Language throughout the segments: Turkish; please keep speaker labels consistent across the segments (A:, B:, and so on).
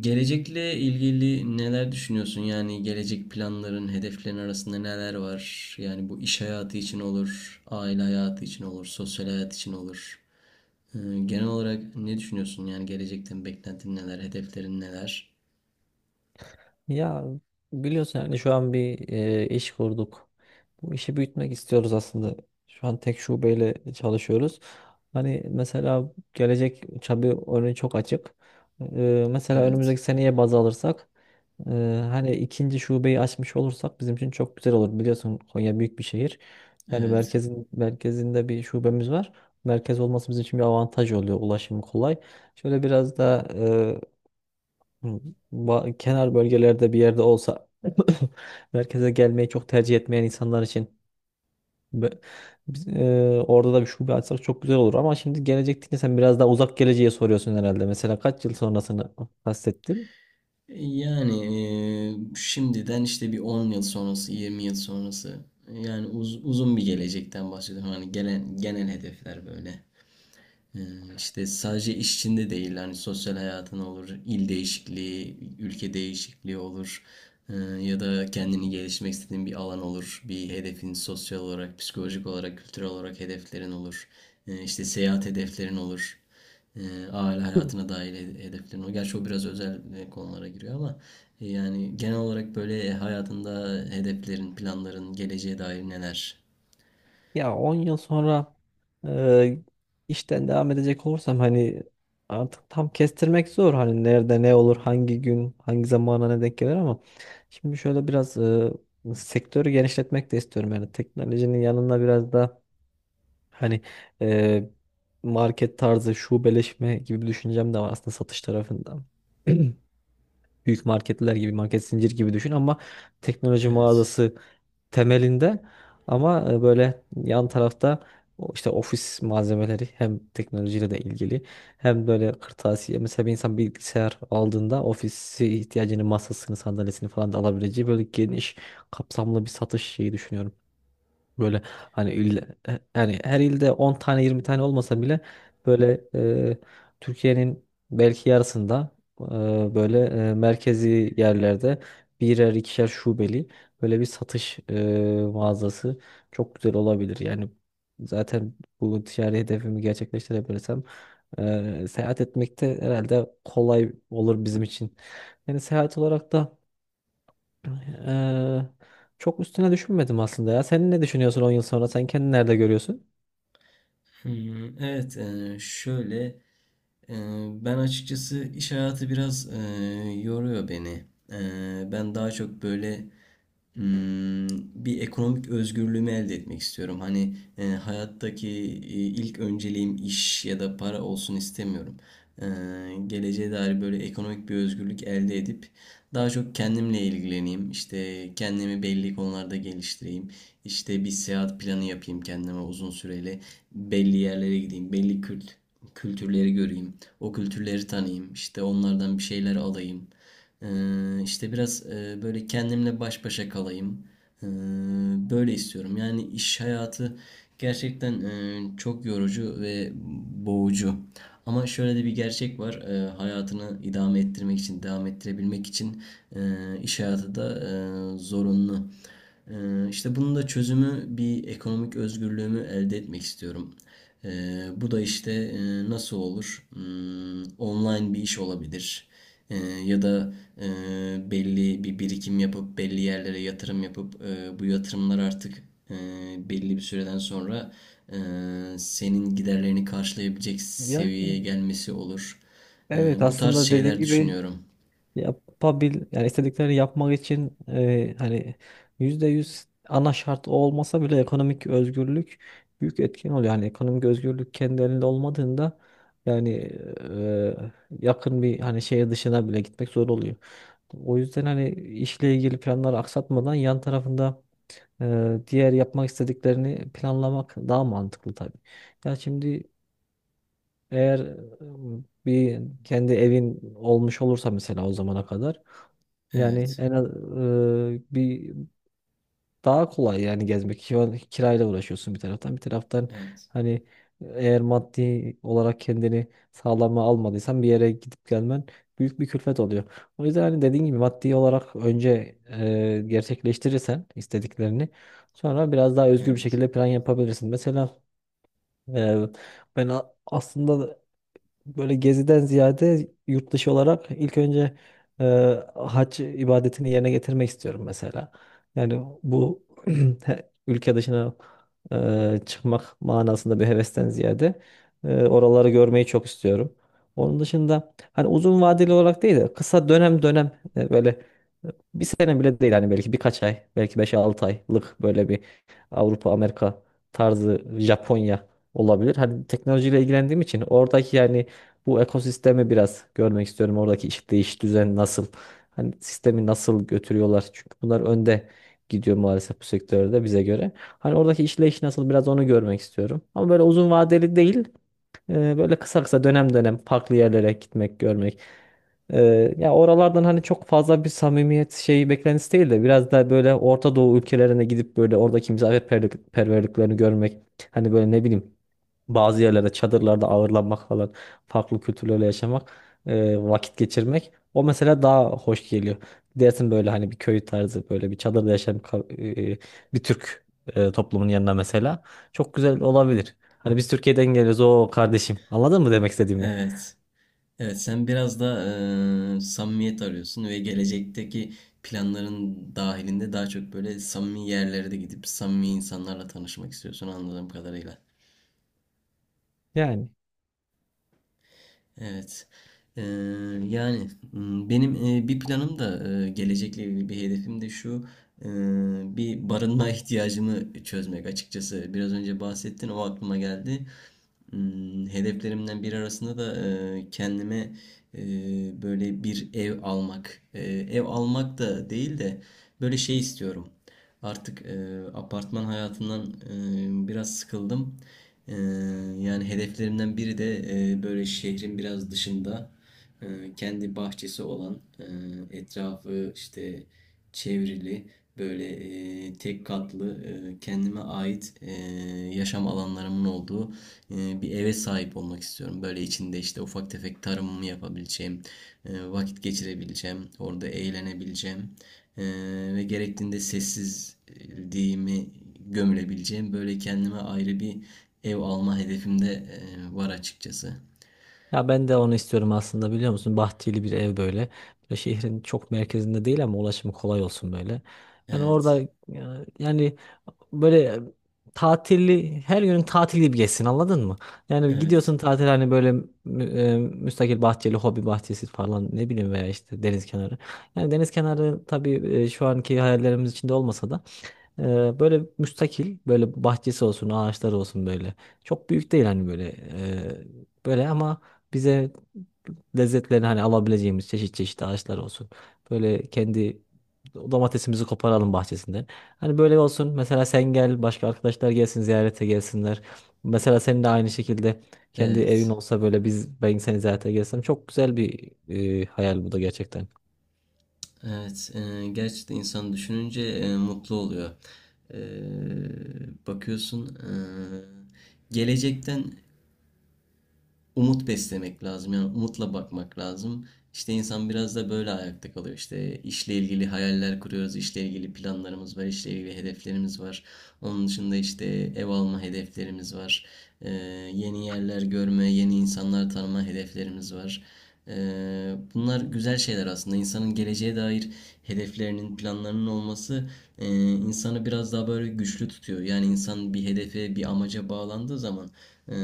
A: Gelecekle ilgili neler düşünüyorsun? Yani gelecek planların, hedeflerin arasında neler var? Yani bu iş hayatı için olur, aile hayatı için olur, sosyal hayat için olur. Ee, Genel olarak ne düşünüyorsun? Yani gelecekten beklentin neler, hedeflerin neler?
B: Ya biliyorsun yani şu an bir iş kurduk. Bu işi büyütmek istiyoruz aslında. Şu an tek şubeyle çalışıyoruz. Hani mesela gelecek tabii önü çok açık. Mesela
A: Evet,
B: önümüzdeki seneye baz alırsak e, hani ikinci şubeyi açmış olursak bizim için çok güzel olur. Biliyorsun Konya büyük bir şehir. Yani
A: evet.
B: merkezin merkezinde bir şubemiz var. Merkez olması bizim için bir avantaj oluyor. Ulaşım kolay. Şöyle biraz da. Hı. Kenar bölgelerde bir yerde olsa merkeze gelmeyi çok tercih etmeyen insanlar için be- orada da bir şube açsak çok güzel olur ama şimdi gelecek deyince sen biraz daha uzak geleceğe soruyorsun herhalde. Mesela kaç yıl sonrasını kastettim?
A: Yani şimdiden işte bir 10 yıl sonrası, 20 yıl sonrası. Yani uzun bir gelecekten bahsediyorum. Hani gelen genel hedefler böyle. İşte sadece iş içinde değil, hani sosyal hayatın olur, il değişikliği, ülke değişikliği olur. Ya da kendini gelişmek istediğin bir alan olur, bir hedefin sosyal olarak, psikolojik olarak, kültürel olarak hedeflerin olur, işte seyahat hedeflerin olur, aile hayatına dair hedeflerin olur. Gerçi o biraz özel konulara giriyor ama yani genel olarak böyle hayatında hedeflerin, planların, geleceğe dair neler?
B: Ya 10 yıl sonra e, işten devam edecek olursam hani artık tam kestirmek zor, hani nerede ne olur, hangi gün hangi zamana ne denk gelir ama şimdi şöyle biraz sektörü genişletmek de istiyorum. Yani teknolojinin yanında biraz da hani e, market tarzı şubeleşme gibi bir düşüncem de var aslında satış tarafında. Büyük marketler gibi, market zincir gibi düşün ama teknoloji
A: Evet.
B: mağazası temelinde. Ama böyle yan tarafta o işte ofis malzemeleri, hem teknolojiyle de ilgili hem böyle kırtasiye. Mesela bir insan bilgisayar aldığında ofisi ihtiyacını, masasını, sandalyesini falan da alabileceği böyle geniş kapsamlı bir satış şeyi düşünüyorum. Böyle hani il, yani her ilde 10 tane 20 tane olmasa bile böyle e, Türkiye'nin belki yarısında e, böyle merkezi yerlerde birer ikişer şubeli böyle bir satış mağazası çok güzel olabilir. Yani zaten bu ticari hedefimi gerçekleştirebilirsem seyahat etmek de herhalde kolay olur bizim için. Yani seyahat olarak da Eee, çok üstüne düşünmedim aslında ya. Sen ne düşünüyorsun 10 yıl sonra? Sen kendini nerede görüyorsun?
A: Hmm, evet, şöyle. Ee, Ben açıkçası iş hayatı biraz yoruyor beni. Ben daha çok böyle, Hmm, bir ekonomik özgürlüğümü elde etmek istiyorum. Hani hayattaki ilk önceliğim iş ya da para olsun istemiyorum. E, Geleceğe dair böyle ekonomik bir özgürlük elde edip daha çok kendimle ilgileneyim. İşte kendimi belli konularda geliştireyim. İşte bir seyahat planı yapayım kendime uzun süreli. Belli yerlere gideyim, belli kült kültürleri göreyim. O kültürleri tanıyayım. İşte onlardan bir şeyler alayım. İşte biraz böyle kendimle baş başa kalayım. Ee, Böyle istiyorum. Yani iş hayatı gerçekten çok yorucu ve boğucu. Ama şöyle de bir gerçek var. Hayatını idame ettirmek için, devam ettirebilmek için e, iş hayatı da zorunlu. İşte bunun da çözümü bir ekonomik özgürlüğümü elde etmek istiyorum. Bu da işte nasıl olur? Online bir iş olabilir. Ya da belli bir birikim yapıp belli yerlere yatırım yapıp bu yatırımlar artık e, belli bir süreden sonra senin giderlerini karşılayabilecek
B: Yani
A: seviyeye gelmesi olur.
B: evet,
A: Bu tarz
B: aslında dediğin
A: şeyler
B: gibi
A: düşünüyorum.
B: yapabil, yani istediklerini yapmak için, hani %100 ana şart o olmasa bile ekonomik özgürlük büyük etken oluyor. Yani ekonomik özgürlük kendi elinde olmadığında yani e, yakın bir, hani şehir dışına bile gitmek zor oluyor. O yüzden hani işle ilgili planları aksatmadan yan tarafında diğer yapmak istediklerini planlamak daha mantıklı tabii. Ya şimdi eğer bir kendi evin olmuş olursa mesela o zamana kadar yani
A: Evet,
B: en az bir daha kolay yani gezmek. Şu kirayla uğraşıyorsun bir taraftan. Bir taraftan
A: evet,
B: hani eğer maddi olarak kendini sağlama almadıysan bir yere gidip gelmen büyük bir külfet oluyor. O yüzden hani dediğin gibi maddi olarak önce gerçekleştirirsen istediklerini sonra biraz daha özgür bir
A: evet,
B: şekilde plan yapabilirsin. Mesela e, aslında böyle geziden ziyade yurt dışı olarak ilk önce e, hac ibadetini yerine getirmek istiyorum mesela. Yani bu ülke dışına çıkmak manasında bir hevesten ziyade oraları görmeyi çok istiyorum. Onun dışında hani uzun vadeli olarak değil de kısa dönem dönem, böyle e, bir sene bile değil, hani belki birkaç ay, belki beş 6 aylık böyle bir Avrupa, Amerika tarzı, Japonya olabilir. Hani teknolojiyle ilgilendiğim için oradaki, yani bu ekosistemi biraz görmek istiyorum. Oradaki işte iş düzen nasıl? Hani sistemi nasıl götürüyorlar? Çünkü bunlar önde gidiyor maalesef bu sektörde bize göre. Hani oradaki işleyiş nasıl, biraz onu görmek istiyorum. Ama böyle uzun vadeli değil. Böyle kısa kısa dönem dönem farklı yerlere gitmek, görmek. E, Ya oralardan hani çok fazla bir samimiyet şeyi beklentisi değil de biraz da böyle Orta Doğu ülkelerine gidip böyle oradaki misafirperverliklerini görmek. Hani böyle ne bileyim, bazı yerlerde çadırlarda ağırlanmak falan, farklı kültürlerle yaşamak, vakit geçirmek. O mesela daha hoş geliyor. Dersin böyle hani bir köy tarzı, böyle bir çadırda yaşayan bir Türk toplumun yanına mesela. Çok güzel olabilir. Hani biz Türkiye'den geliyoruz o kardeşim. Anladın mı demek istediğimi?
A: evet. Evet, sen biraz da samimiyet arıyorsun ve gelecekteki planların dahilinde daha çok böyle samimi yerlere de gidip samimi insanlarla tanışmak istiyorsun, anladığım kadarıyla.
B: Yani.
A: Evet. Ee, Yani benim bir planım da gelecekle ilgili bir hedefim de şu: e, bir barınma ihtiyacımı çözmek açıkçası. Biraz önce bahsettin, o aklıma geldi. Hedeflerimden biri arasında da kendime e, böyle bir ev almak. Ev almak da değil de böyle şey istiyorum. Artık apartman hayatından biraz sıkıldım. E, Yani hedeflerimden biri de böyle şehrin biraz dışında e, kendi bahçesi olan, etrafı işte çevrili, böyle tek katlı, kendime ait, yaşam alanlarımın olduğu bir eve sahip olmak istiyorum. Böyle içinde işte ufak tefek tarımımı yapabileceğim, vakit geçirebileceğim, orada eğlenebileceğim. Ve gerektiğinde sessizliğimi gömülebileceğim böyle kendime ayrı bir ev alma hedefim de var açıkçası.
B: Ya ben de onu istiyorum aslında, biliyor musun? Bahçeli bir ev böyle. Böyle şehrin çok merkezinde değil ama ulaşımı kolay olsun böyle. Yani orada
A: Evet,
B: yani böyle tatilli, her günün tatili gibi geçsin, anladın mı? Yani
A: evet,
B: gidiyorsun tatil, hani böyle müstakil bahçeli, hobi bahçesi falan, ne bileyim, veya işte deniz kenarı. Yani deniz kenarı tabii şu anki hayallerimiz içinde olmasa da böyle müstakil, böyle bahçesi olsun, ağaçları olsun böyle. Çok büyük değil, hani böyle böyle, ama bize lezzetlerini hani alabileceğimiz çeşit çeşit ağaçlar olsun. Böyle kendi domatesimizi koparalım bahçesinden. Hani böyle olsun. Mesela sen gel, başka arkadaşlar gelsin, ziyarete gelsinler. Mesela senin de aynı şekilde kendi evin
A: evet,
B: olsa böyle ben seni ziyarete gelsem çok güzel bir hayal bu da, gerçekten.
A: evet. Gerçekten insan düşününce mutlu oluyor. Bakıyorsun, gelecekten umut beslemek lazım. Yani umutla bakmak lazım. İşte insan biraz da böyle ayakta kalıyor. İşte işle ilgili hayaller kuruyoruz, işle ilgili planlarımız var, işle ilgili hedeflerimiz var. Onun dışında işte ev alma hedeflerimiz var. Ee, Yeni yerler görme, yeni insanlar tanıma hedeflerimiz var. Bunlar güzel şeyler aslında. İnsanın geleceğe dair hedeflerinin, planlarının olması e, insanı biraz daha böyle güçlü tutuyor. Yani insan bir hedefe, bir amaca bağlandığı zaman e,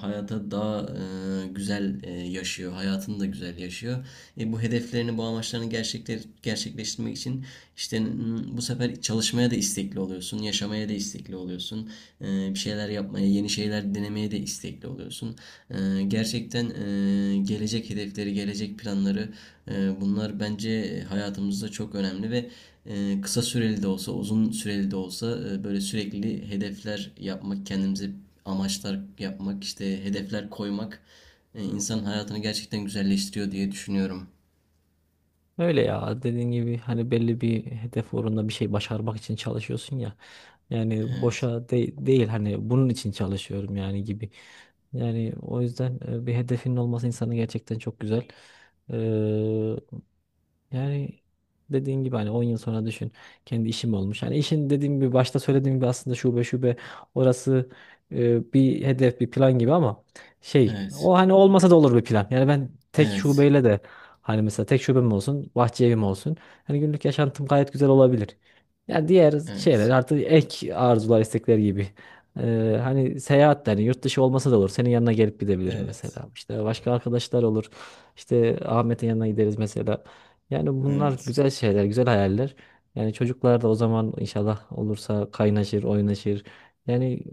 A: hayata daha güzel yaşıyor, hayatını da güzel yaşıyor. Bu hedeflerini, bu amaçlarını gerçekler, gerçekleştirmek için işte bu sefer çalışmaya da istekli oluyorsun, yaşamaya da istekli oluyorsun. Bir şeyler yapmaya, yeni şeyler denemeye de istekli oluyorsun. Gerçekten gelecek hedefleri, gelecek planları, bunlar bence hayatımızda çok önemli ve kısa süreli de olsa, uzun süreli de olsa böyle sürekli hedefler yapmak, kendimize amaçlar yapmak, işte hedefler koymak insanın hayatını gerçekten güzelleştiriyor diye düşünüyorum.
B: Öyle, ya dediğin gibi hani belli bir hedef uğrunda bir şey başarmak için çalışıyorsun ya. Yani
A: Evet.
B: boşa değil, hani bunun için çalışıyorum yani, gibi. Yani o yüzden bir hedefinin olması insanı gerçekten çok güzel. Yani dediğin gibi hani 10 yıl sonra düşün, kendi işim olmuş. Hani işin dediğim gibi, başta söylediğim gibi aslında şube şube orası bir hedef, bir plan gibi ama şey,
A: Evet.
B: o hani olmasa da olur bir plan. Yani ben tek
A: Evet.
B: şubeyle de hani, mesela tek şubem olsun, bahçe evim olsun. Hani günlük yaşantım gayet güzel olabilir. Yani diğer şeyler
A: Evet.
B: artık ek arzular, istekler gibi. Hani seyahat de hani yurt dışı olmasa da olur. Senin yanına gelip gidebilirim
A: Evet.
B: mesela. İşte başka arkadaşlar olur. İşte Ahmet'in yanına gideriz mesela. Yani bunlar
A: Evet.
B: güzel şeyler, güzel hayaller. Yani çocuklar da o zaman inşallah olursa kaynaşır, oynaşır. Yani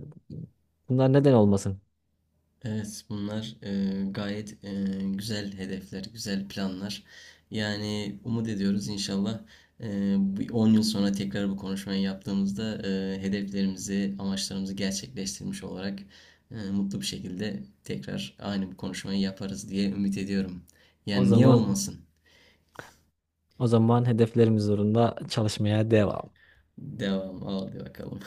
B: bunlar neden olmasın?
A: Evet, bunlar gayet güzel hedefler, güzel planlar. Yani umut ediyoruz, inşallah bir 10 yıl sonra tekrar bu konuşmayı yaptığımızda hedeflerimizi, amaçlarımızı gerçekleştirmiş olarak mutlu bir şekilde tekrar aynı bu konuşmayı yaparız diye ümit ediyorum.
B: O
A: Yani niye
B: zaman
A: olmasın?
B: o zaman hedeflerimiz uğrunda çalışmaya devam.
A: Devam, hadi bakalım.